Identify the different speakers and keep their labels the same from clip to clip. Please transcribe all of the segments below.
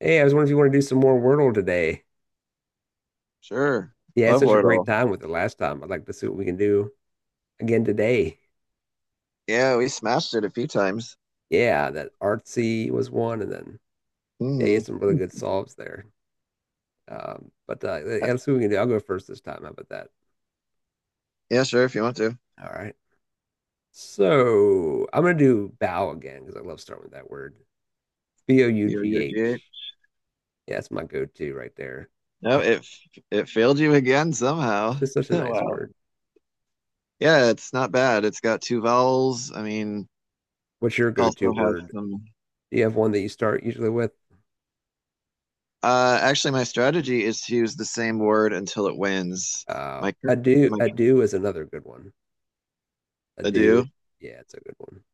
Speaker 1: Hey, I was wondering if you want to do some more Wordle today.
Speaker 2: Sure.
Speaker 1: Yeah, I had
Speaker 2: Love
Speaker 1: such a great
Speaker 2: Wordle.
Speaker 1: time with it last time. I'd like to see what we can do again today.
Speaker 2: Yeah, we smashed it a few times.
Speaker 1: Yeah, that artsy was one, and then yeah, you
Speaker 2: hmm
Speaker 1: had some really good solves there. But
Speaker 2: Uh,
Speaker 1: yeah, let's see what we can do. I'll go first this time. How about that?
Speaker 2: Yeah, sure, if you want to.
Speaker 1: All right. So I'm gonna do bow again because I love starting with that word. B O U
Speaker 2: You're
Speaker 1: G
Speaker 2: UG.
Speaker 1: H. Yeah, that's my go-to right there.
Speaker 2: No, it f- It failed you again somehow.
Speaker 1: It's just such a nice
Speaker 2: Wow.
Speaker 1: word.
Speaker 2: Yeah, it's not bad. It's got two vowels. I mean,
Speaker 1: What's your go-to
Speaker 2: also has
Speaker 1: word?
Speaker 2: some.
Speaker 1: Do you have one that you start usually with?
Speaker 2: Actually, my strategy is to use the same word until it wins.
Speaker 1: Uh,
Speaker 2: My cur-
Speaker 1: ado,
Speaker 2: my
Speaker 1: ado is another good one. I
Speaker 2: I
Speaker 1: do.
Speaker 2: do.
Speaker 1: Yeah, it's a good one.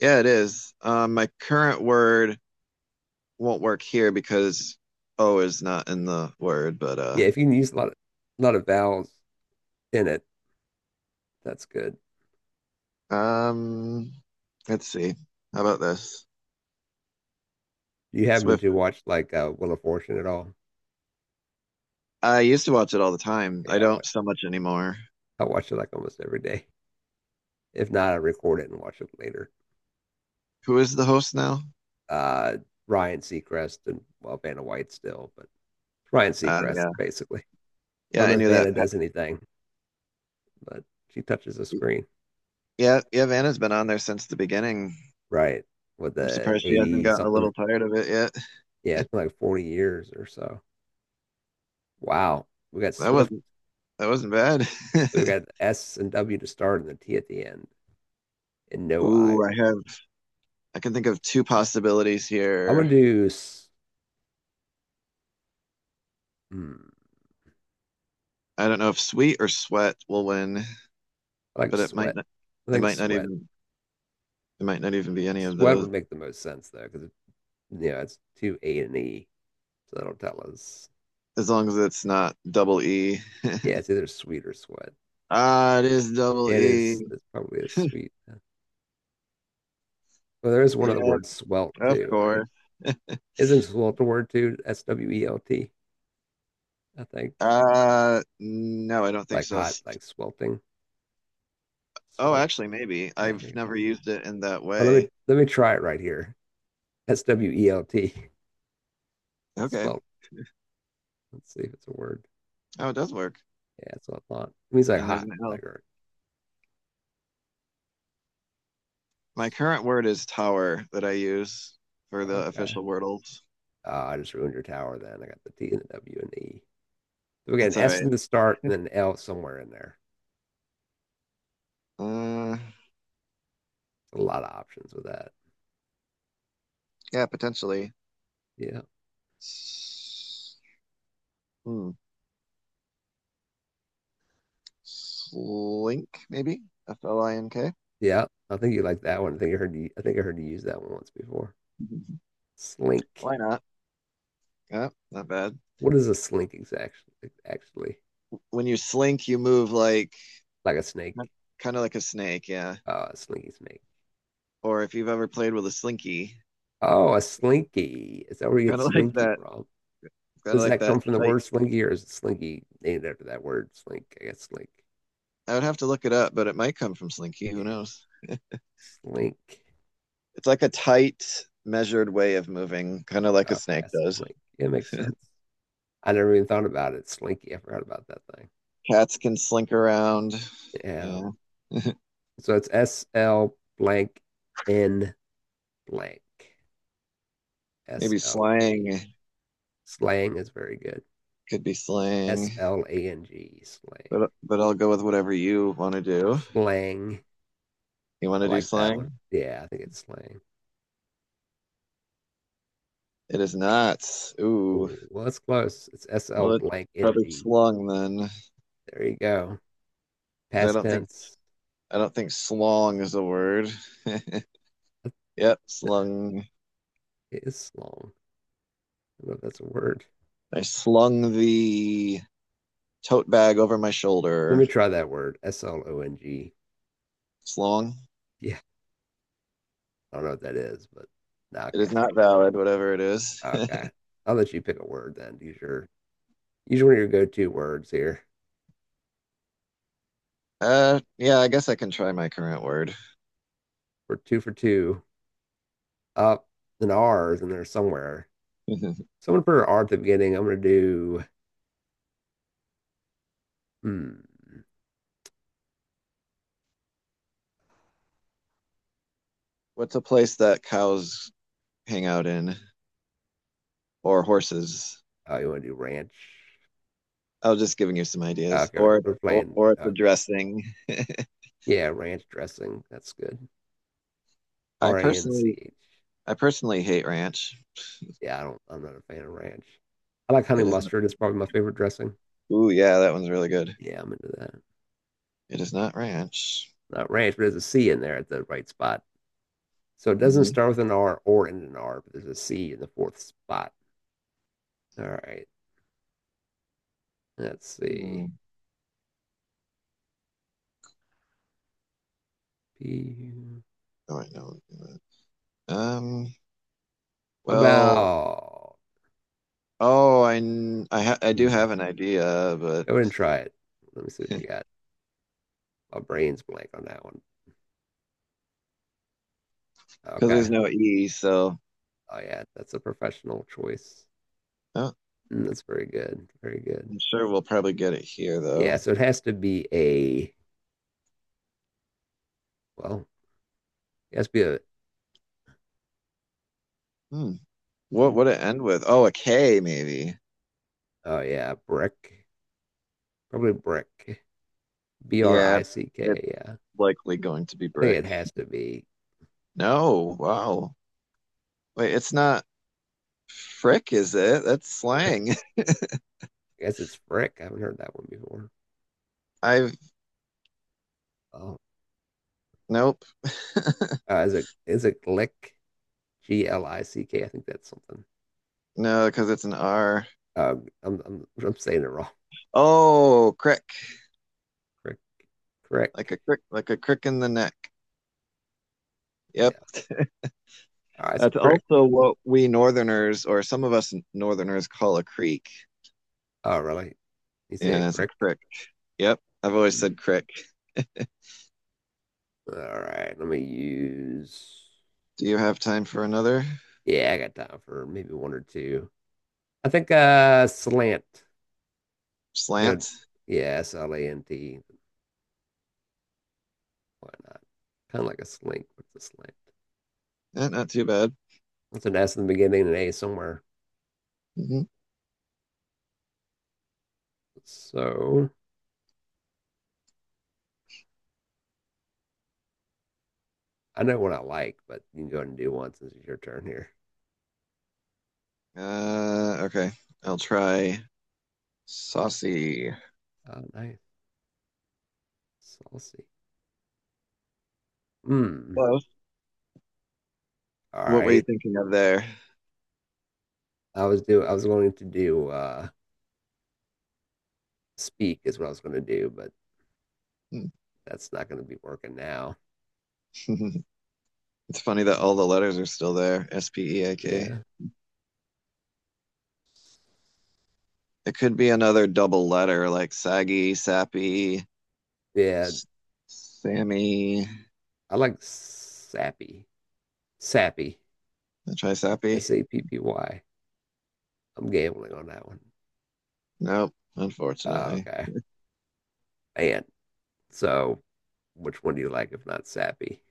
Speaker 2: Yeah, it is. My current word won't work here because O is not in the word, but.
Speaker 1: Yeah, if you can use a lot of vowels in it, that's good.
Speaker 2: Um, let's see. How about this?
Speaker 1: Do you happen
Speaker 2: Swift.
Speaker 1: to watch, like, Wheel of Fortune at all?
Speaker 2: I used to watch it all the time.
Speaker 1: Okay,
Speaker 2: I don't so much anymore.
Speaker 1: I watch it like almost every day. If not, I record it and watch it later.
Speaker 2: Who is the host now?
Speaker 1: Uh, Ryan Seacrest and, well, Vanna White still, but Ryan Seacrest
Speaker 2: Yeah.
Speaker 1: basically. I
Speaker 2: Yeah,
Speaker 1: don't
Speaker 2: I
Speaker 1: know if
Speaker 2: knew that.
Speaker 1: Vanna does anything, but she touches the screen,
Speaker 2: Yeah, yeah, Vanna's been on there since the beginning.
Speaker 1: right? With
Speaker 2: I'm
Speaker 1: the
Speaker 2: surprised she hasn't
Speaker 1: 80
Speaker 2: gotten a
Speaker 1: something.
Speaker 2: little tired of it yet.
Speaker 1: Yeah, it's been like 40 years or so. Wow, we got
Speaker 2: That
Speaker 1: Swift.
Speaker 2: wasn't that wasn't bad.
Speaker 1: So we got the S and W to start and the T at the end and no I.
Speaker 2: Ooh, I can think of two possibilities
Speaker 1: I'm
Speaker 2: here.
Speaker 1: gonna do. Hmm,
Speaker 2: I don't know if Sweet or Sweat will win,
Speaker 1: I like
Speaker 2: but
Speaker 1: sweat. I
Speaker 2: it
Speaker 1: think
Speaker 2: might not
Speaker 1: sweat.
Speaker 2: even it might not even be any of
Speaker 1: Sweat
Speaker 2: those.
Speaker 1: would make the most sense though, because you know it's two A and E, so that'll tell us.
Speaker 2: As long as it's not double E.
Speaker 1: Yeah, it's either sweet or sweat.
Speaker 2: Ah, it is double
Speaker 1: It is.
Speaker 2: E.
Speaker 1: It's probably a sweet. Yeah. Well, there is one other
Speaker 2: Yep,
Speaker 1: word, swelt
Speaker 2: of
Speaker 1: too, right?
Speaker 2: course.
Speaker 1: Isn't swelt a word too? swelt. I think it's
Speaker 2: No, I don't think
Speaker 1: like
Speaker 2: so.
Speaker 1: hot, like swelting.
Speaker 2: Oh,
Speaker 1: Swelt.
Speaker 2: actually, maybe.
Speaker 1: Yeah, I
Speaker 2: I've
Speaker 1: think it
Speaker 2: never
Speaker 1: might be.
Speaker 2: used it in that
Speaker 1: Well, let me
Speaker 2: way.
Speaker 1: let me try it right here. swelt.
Speaker 2: Okay.
Speaker 1: Swelt. Let's see if it's a word.
Speaker 2: Oh, it does work.
Speaker 1: Yeah, that's what I thought. It means like
Speaker 2: And there's
Speaker 1: hot,
Speaker 2: an
Speaker 1: like
Speaker 2: L.
Speaker 1: or
Speaker 2: My current word is tower that I use for the
Speaker 1: okay.
Speaker 2: official Wordles.
Speaker 1: Oh, I just ruined your tower then. I got the T and the W and the E. So we got an
Speaker 2: That's all
Speaker 1: S
Speaker 2: right.
Speaker 1: in the start and an L somewhere in there.
Speaker 2: Uh,
Speaker 1: There's a lot of options with that.
Speaker 2: yeah, potentially.
Speaker 1: Yeah.
Speaker 2: S- Hmm. Slink, maybe? FLINK.
Speaker 1: Yeah. I think you like that one. I think I heard you I think I heard you use that one once before. Slink.
Speaker 2: Why not? Yeah, not bad.
Speaker 1: What is a slink exactly actually?
Speaker 2: When you slink, you move like
Speaker 1: Like a snake.
Speaker 2: kind of like a snake, yeah.
Speaker 1: A slinky snake.
Speaker 2: Or if you've ever played with a slinky,
Speaker 1: Oh, a slinky. Is that where
Speaker 2: it's
Speaker 1: you get
Speaker 2: kind of like
Speaker 1: slinky
Speaker 2: that.
Speaker 1: from?
Speaker 2: It's kind of
Speaker 1: Does
Speaker 2: like
Speaker 1: that
Speaker 2: that
Speaker 1: come from the
Speaker 2: tight.
Speaker 1: word slinky or is it slinky named after that word slink? I guess slink.
Speaker 2: I would have to look it up, but it might come from slinky. Who
Speaker 1: Yeah.
Speaker 2: knows?
Speaker 1: Slink.
Speaker 2: It's like a tight, measured way of moving, kind of like a
Speaker 1: Okay,
Speaker 2: snake
Speaker 1: that's
Speaker 2: does.
Speaker 1: Slink. It makes sense. I never even thought about it. Slinky. I forgot about that thing.
Speaker 2: Cats can slink around.
Speaker 1: Yeah.
Speaker 2: Yeah,
Speaker 1: So it's S L blank N blank. S
Speaker 2: maybe
Speaker 1: L A.
Speaker 2: slang
Speaker 1: Slang is very good.
Speaker 2: could be
Speaker 1: S
Speaker 2: slang,
Speaker 1: L A N G. Slang.
Speaker 2: but I'll go with whatever you want to do.
Speaker 1: Slang.
Speaker 2: You want to
Speaker 1: I
Speaker 2: do
Speaker 1: like that one.
Speaker 2: slang?
Speaker 1: Yeah, I think it's slang.
Speaker 2: It is not. Ooh,
Speaker 1: Oh, well, it's close. It's S L
Speaker 2: well, it's
Speaker 1: blank N
Speaker 2: probably
Speaker 1: G.
Speaker 2: slung then,
Speaker 1: There you go.
Speaker 2: 'cause I
Speaker 1: Past
Speaker 2: don't think
Speaker 1: tense.
Speaker 2: I don't think slong is the word. Yep, slung.
Speaker 1: It is slong. I don't know if that's a word.
Speaker 2: I slung the tote bag over my
Speaker 1: Let
Speaker 2: shoulder.
Speaker 1: me try that word. slong.
Speaker 2: Slong.
Speaker 1: Yeah. I don't know what that is, but no,
Speaker 2: It
Speaker 1: okay,
Speaker 2: is
Speaker 1: it's
Speaker 2: not valid, whatever it is.
Speaker 1: not- okay. I'll let you pick a word then. Use one of your go-to words here.
Speaker 2: Yeah, I guess I can try my current word.
Speaker 1: We're two for two. Up and R's in there somewhere. Someone put an R at the beginning. I'm gonna do. Hmm.
Speaker 2: What's a place that cows hang out in, or horses?
Speaker 1: Oh, you want to do ranch?
Speaker 2: I was just giving you some ideas,
Speaker 1: Okay,
Speaker 2: or
Speaker 1: we're
Speaker 2: or
Speaker 1: playing.
Speaker 2: or it's a
Speaker 1: Okay,
Speaker 2: dressing.
Speaker 1: yeah, ranch dressing. That's good.
Speaker 2: I
Speaker 1: R A N C
Speaker 2: personally,
Speaker 1: H.
Speaker 2: I personally hate ranch.
Speaker 1: Yeah, I don't. I'm not a fan of ranch. I like honey
Speaker 2: It is not.
Speaker 1: mustard. It's probably my favorite dressing.
Speaker 2: Ooh, yeah, that one's really good.
Speaker 1: Yeah, I'm into that.
Speaker 2: It is not ranch.
Speaker 1: Not ranch, but there's a C in there at the right spot. So it doesn't
Speaker 2: Mm-hmm.
Speaker 1: start with an R or end in an R, but there's a C in the fourth spot. All right. Let's see.
Speaker 2: hmm
Speaker 1: P.
Speaker 2: All right, no. Um, well,
Speaker 1: About.
Speaker 2: oh, I kn- I ha I do
Speaker 1: Hmm,
Speaker 2: have an idea, but
Speaker 1: go ahead and try it. Let me see what you got. My brain's blank on that one.
Speaker 2: because there's
Speaker 1: Okay.
Speaker 2: no E, so
Speaker 1: Oh yeah, that's a professional choice.
Speaker 2: oh,
Speaker 1: That's very good. Very good.
Speaker 2: I'm sure we'll probably get it here though.
Speaker 1: Yeah, so it has to be a, well, it has to be a,
Speaker 2: Hmm. What
Speaker 1: mm,
Speaker 2: would it end with? Oh, a K maybe.
Speaker 1: oh yeah, brick. Probably brick. B R
Speaker 2: Yeah,
Speaker 1: I C
Speaker 2: it's
Speaker 1: K, yeah.
Speaker 2: likely going to be
Speaker 1: I think
Speaker 2: brick.
Speaker 1: it has to be
Speaker 2: No, wow. Wait, it's not frick, is it? That's
Speaker 1: brick.
Speaker 2: slang.
Speaker 1: I guess it's Frick. I haven't heard that one before.
Speaker 2: I've
Speaker 1: Oh,
Speaker 2: Nope.
Speaker 1: is it Glick? G L I C K. I think that's something.
Speaker 2: No, because it's an R.
Speaker 1: I'm saying it wrong.
Speaker 2: Oh, crick.
Speaker 1: Crick, crick.
Speaker 2: Like a crick, like a crick in the neck. Yep.
Speaker 1: Yeah. All right, so
Speaker 2: That's
Speaker 1: crick.
Speaker 2: also what we Northerners, or some of us Northerners, call a creek.
Speaker 1: Oh, really? You say a
Speaker 2: Yeah, it's a
Speaker 1: crick?
Speaker 2: crick. Yep, I've always
Speaker 1: Hmm.
Speaker 2: said crick. Do
Speaker 1: All right. Let me use.
Speaker 2: you have time for another
Speaker 1: Yeah, I got time for maybe one or two. I think slant. I think I'd-
Speaker 2: slant?
Speaker 1: yeah, slant. Why not? Kind of like a slink, with a slant?
Speaker 2: Eh, not too bad.
Speaker 1: It's an S in the beginning and an A somewhere.
Speaker 2: hmm
Speaker 1: So I know what I like, but you can go ahead and do one since it's your turn here.
Speaker 2: Okay, I'll try saucy.
Speaker 1: Oh, nice. Saucy. Mm.
Speaker 2: Well,
Speaker 1: All
Speaker 2: what were you
Speaker 1: right.
Speaker 2: thinking of there?
Speaker 1: I was going to do speak is what I was going to do, but that's not going to be working now.
Speaker 2: It's funny that all the letters are still there. SPEAK.
Speaker 1: Yeah.
Speaker 2: It could be another double letter like saggy, sappy,
Speaker 1: Yeah.
Speaker 2: s- Sammy.
Speaker 1: I like sappy. Sappy.
Speaker 2: I'll try sappy.
Speaker 1: S A P P Y. I'm gambling on that one.
Speaker 2: Nope,
Speaker 1: Uh,
Speaker 2: unfortunately.
Speaker 1: okay. And so which one do you like if not sappy?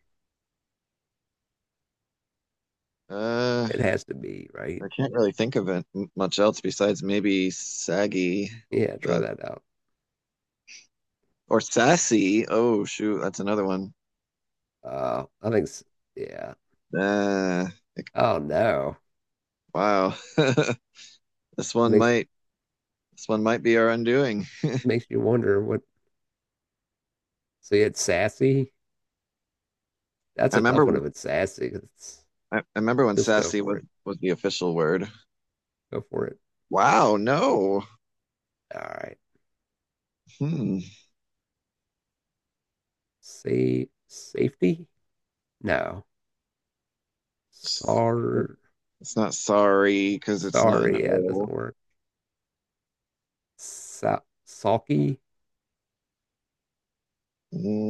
Speaker 2: Uh,
Speaker 1: It has to be, right?
Speaker 2: I can't really think of it much else besides maybe saggy,
Speaker 1: Yeah, try
Speaker 2: but
Speaker 1: that out.
Speaker 2: or sassy. Oh shoot, that's another one.
Speaker 1: I think, yeah.
Speaker 2: Uh, like,
Speaker 1: Oh no.
Speaker 2: wow, this one
Speaker 1: Makes
Speaker 2: might this one might be our undoing.
Speaker 1: makes you wonder what. So you had sassy. That's
Speaker 2: I
Speaker 1: a tough
Speaker 2: remember
Speaker 1: one
Speaker 2: when
Speaker 1: if it's sassy.
Speaker 2: I remember when
Speaker 1: Just go
Speaker 2: sassy
Speaker 1: for it.
Speaker 2: was the official word.
Speaker 1: Go for it.
Speaker 2: Wow,
Speaker 1: All right.
Speaker 2: hmm,
Speaker 1: Say safety. No.
Speaker 2: it's,
Speaker 1: Sorry.
Speaker 2: it's not sorry because it's not an
Speaker 1: Sorry. Yeah, it doesn't
Speaker 2: O.
Speaker 1: work. Sa sulky.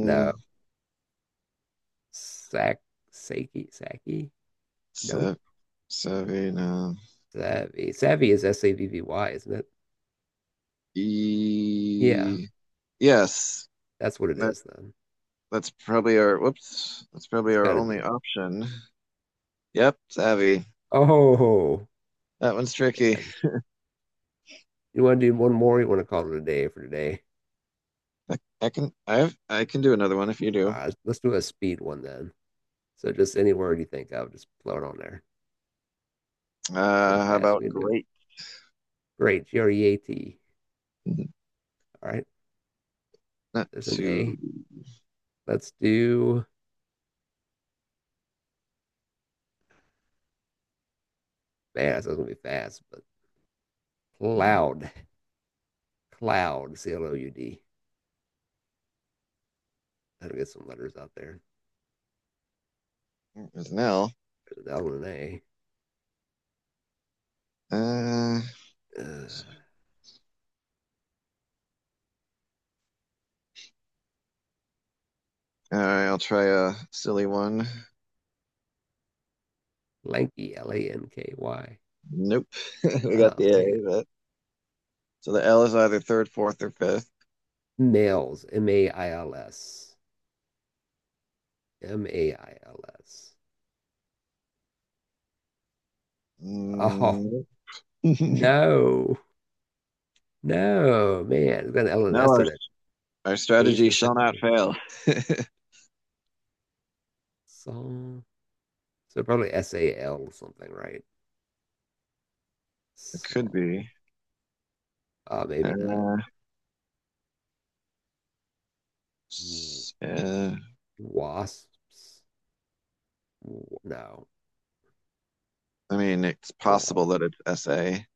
Speaker 1: No. Sack. Saki. Saki. Nope.
Speaker 2: sa Savvy, no.
Speaker 1: Savvy. Savvy is savvy, isn't it? Yeah,
Speaker 2: E Yes,
Speaker 1: that's what it
Speaker 2: that
Speaker 1: is then.
Speaker 2: that's probably our whoops. That's probably
Speaker 1: It's
Speaker 2: our
Speaker 1: got to be
Speaker 2: only
Speaker 1: it.
Speaker 2: option. Yep, it's Abby.
Speaker 1: Oh
Speaker 2: That one's tricky.
Speaker 1: man. You want to do one more? Or you want to call it a day for today?
Speaker 2: I, I can I can do another one if you do.
Speaker 1: Let's do a speed one then. So just any word you think of, just throw it on there. See how
Speaker 2: How
Speaker 1: fast we
Speaker 2: about
Speaker 1: can do it.
Speaker 2: great?
Speaker 1: Great, G R E A T. All right,
Speaker 2: Not
Speaker 1: there's an A.
Speaker 2: too.
Speaker 1: Let's do fast. That's gonna be fast, but cloud, cloud, C L O U D. I'll get some letters out there.
Speaker 2: Is now.
Speaker 1: There's an L and an A.
Speaker 2: Uh,
Speaker 1: Uh,
Speaker 2: all right, I'll try a silly one.
Speaker 1: lanky, L A N K Y.
Speaker 2: Nope, we got
Speaker 1: Oh
Speaker 2: the
Speaker 1: man,
Speaker 2: A. But so the L is either third, fourth, or fifth.
Speaker 1: mails, M A I L S, mails. Oh
Speaker 2: Mm.
Speaker 1: no, no, man, it's got an L and
Speaker 2: No,
Speaker 1: S in it.
Speaker 2: our
Speaker 1: A is
Speaker 2: strategy
Speaker 1: the
Speaker 2: shall
Speaker 1: second
Speaker 2: not
Speaker 1: letter.
Speaker 2: fail.
Speaker 1: So, so, probably S A L or something, right?
Speaker 2: It
Speaker 1: So,
Speaker 2: could be.
Speaker 1: maybe not.
Speaker 2: Uh, uh,
Speaker 1: Wasps? No.
Speaker 2: I mean, it's possible
Speaker 1: Wall?
Speaker 2: that it's SA,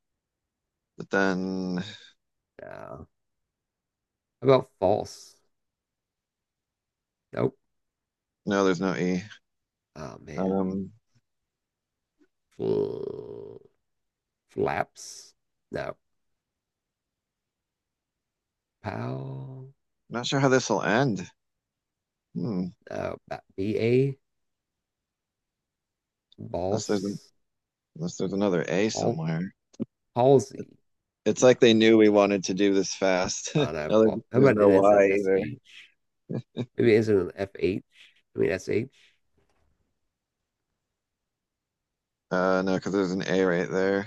Speaker 2: but then
Speaker 1: No. How about false? Nope.
Speaker 2: no, there's no E.
Speaker 1: Oh man.
Speaker 2: Um,
Speaker 1: Fl- flaps? No. Pal?
Speaker 2: Not sure how this will end. Hmm,
Speaker 1: No. B A?
Speaker 2: unless there's an,
Speaker 1: Balls?
Speaker 2: unless there's another A
Speaker 1: Pal-
Speaker 2: somewhere.
Speaker 1: palsy?
Speaker 2: It's
Speaker 1: No.
Speaker 2: like they knew we wanted to do this fast.
Speaker 1: I don't know.
Speaker 2: No,
Speaker 1: How
Speaker 2: there's
Speaker 1: about an
Speaker 2: no
Speaker 1: instant
Speaker 2: Y
Speaker 1: S
Speaker 2: either.
Speaker 1: H? Maybe an instant F H? I mean S H?
Speaker 2: No, because there's an A right there.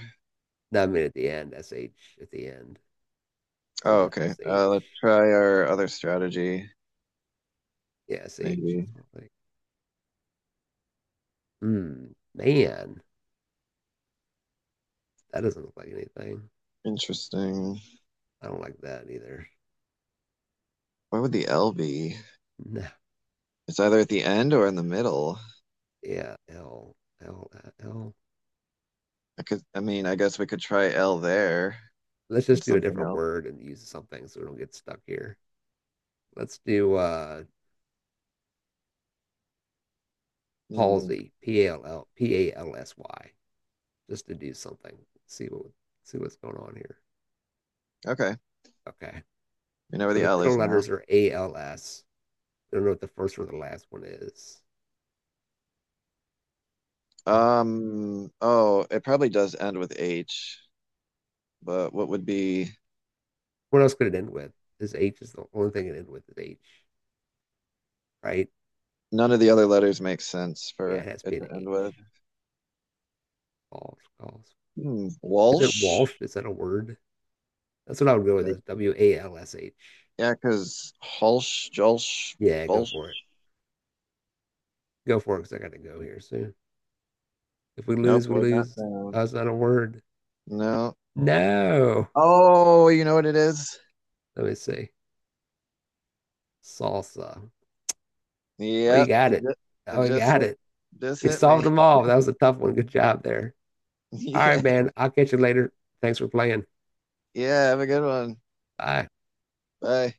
Speaker 1: No, I mean at the end, SH at the end.
Speaker 2: Oh,
Speaker 1: Something
Speaker 2: okay.
Speaker 1: SH.
Speaker 2: Let's try our other strategy.
Speaker 1: Yeah, SH.
Speaker 2: Maybe.
Speaker 1: So I'm like, hmm, man, that doesn't look like anything.
Speaker 2: Interesting.
Speaker 1: I don't like that either.
Speaker 2: Where would the L be?
Speaker 1: No.
Speaker 2: It's either at the end or in the middle.
Speaker 1: Yeah, L, L, L.
Speaker 2: I mean, I guess we could try L there
Speaker 1: Let's just
Speaker 2: and
Speaker 1: do a
Speaker 2: something
Speaker 1: different
Speaker 2: else.
Speaker 1: word and use something so we don't get stuck here. Let's do
Speaker 2: Hmm,
Speaker 1: palsy, P A L L P A L S Y, just to do something. See what see what's going on here.
Speaker 2: okay.
Speaker 1: Okay.
Speaker 2: You know where
Speaker 1: So
Speaker 2: the
Speaker 1: the
Speaker 2: L
Speaker 1: middle
Speaker 2: is now.
Speaker 1: letters are A L S. I don't know what the first or the last one is. Oh,
Speaker 2: Oh, it probably does end with H, but what would be,
Speaker 1: what else could it end with? This H is the only thing it ends with is H, right?
Speaker 2: none of the other letters make sense
Speaker 1: Yeah, it
Speaker 2: for
Speaker 1: has to
Speaker 2: it
Speaker 1: be an
Speaker 2: to end
Speaker 1: H.
Speaker 2: with.
Speaker 1: Walsh, Walsh.
Speaker 2: Hmm,
Speaker 1: Is it
Speaker 2: Walsh?
Speaker 1: Walsh? Is that a word? That's what I would go with is
Speaker 2: Make-
Speaker 1: Walsh.
Speaker 2: Yeah, because Hulsh, Jolsh,
Speaker 1: Yeah, go
Speaker 2: Bolsh.
Speaker 1: for it. Go for it because I got to go here soon. If we
Speaker 2: Nope,
Speaker 1: lose, we
Speaker 2: we're not
Speaker 1: lose.
Speaker 2: down.
Speaker 1: That's not a word.
Speaker 2: No.
Speaker 1: No.
Speaker 2: Oh, you know what it is?
Speaker 1: Let me see. Salsa. Oh, you
Speaker 2: Yep,
Speaker 1: got
Speaker 2: it
Speaker 1: it.
Speaker 2: just, it
Speaker 1: Oh, you
Speaker 2: just
Speaker 1: got
Speaker 2: hit,
Speaker 1: it.
Speaker 2: just
Speaker 1: We
Speaker 2: hit
Speaker 1: solved
Speaker 2: me.
Speaker 1: them all. That was a tough one. Good job there. All
Speaker 2: Yeah,
Speaker 1: right, man. I'll catch you later. Thanks for playing.
Speaker 2: yeah, have a good one.
Speaker 1: Bye.
Speaker 2: Bye.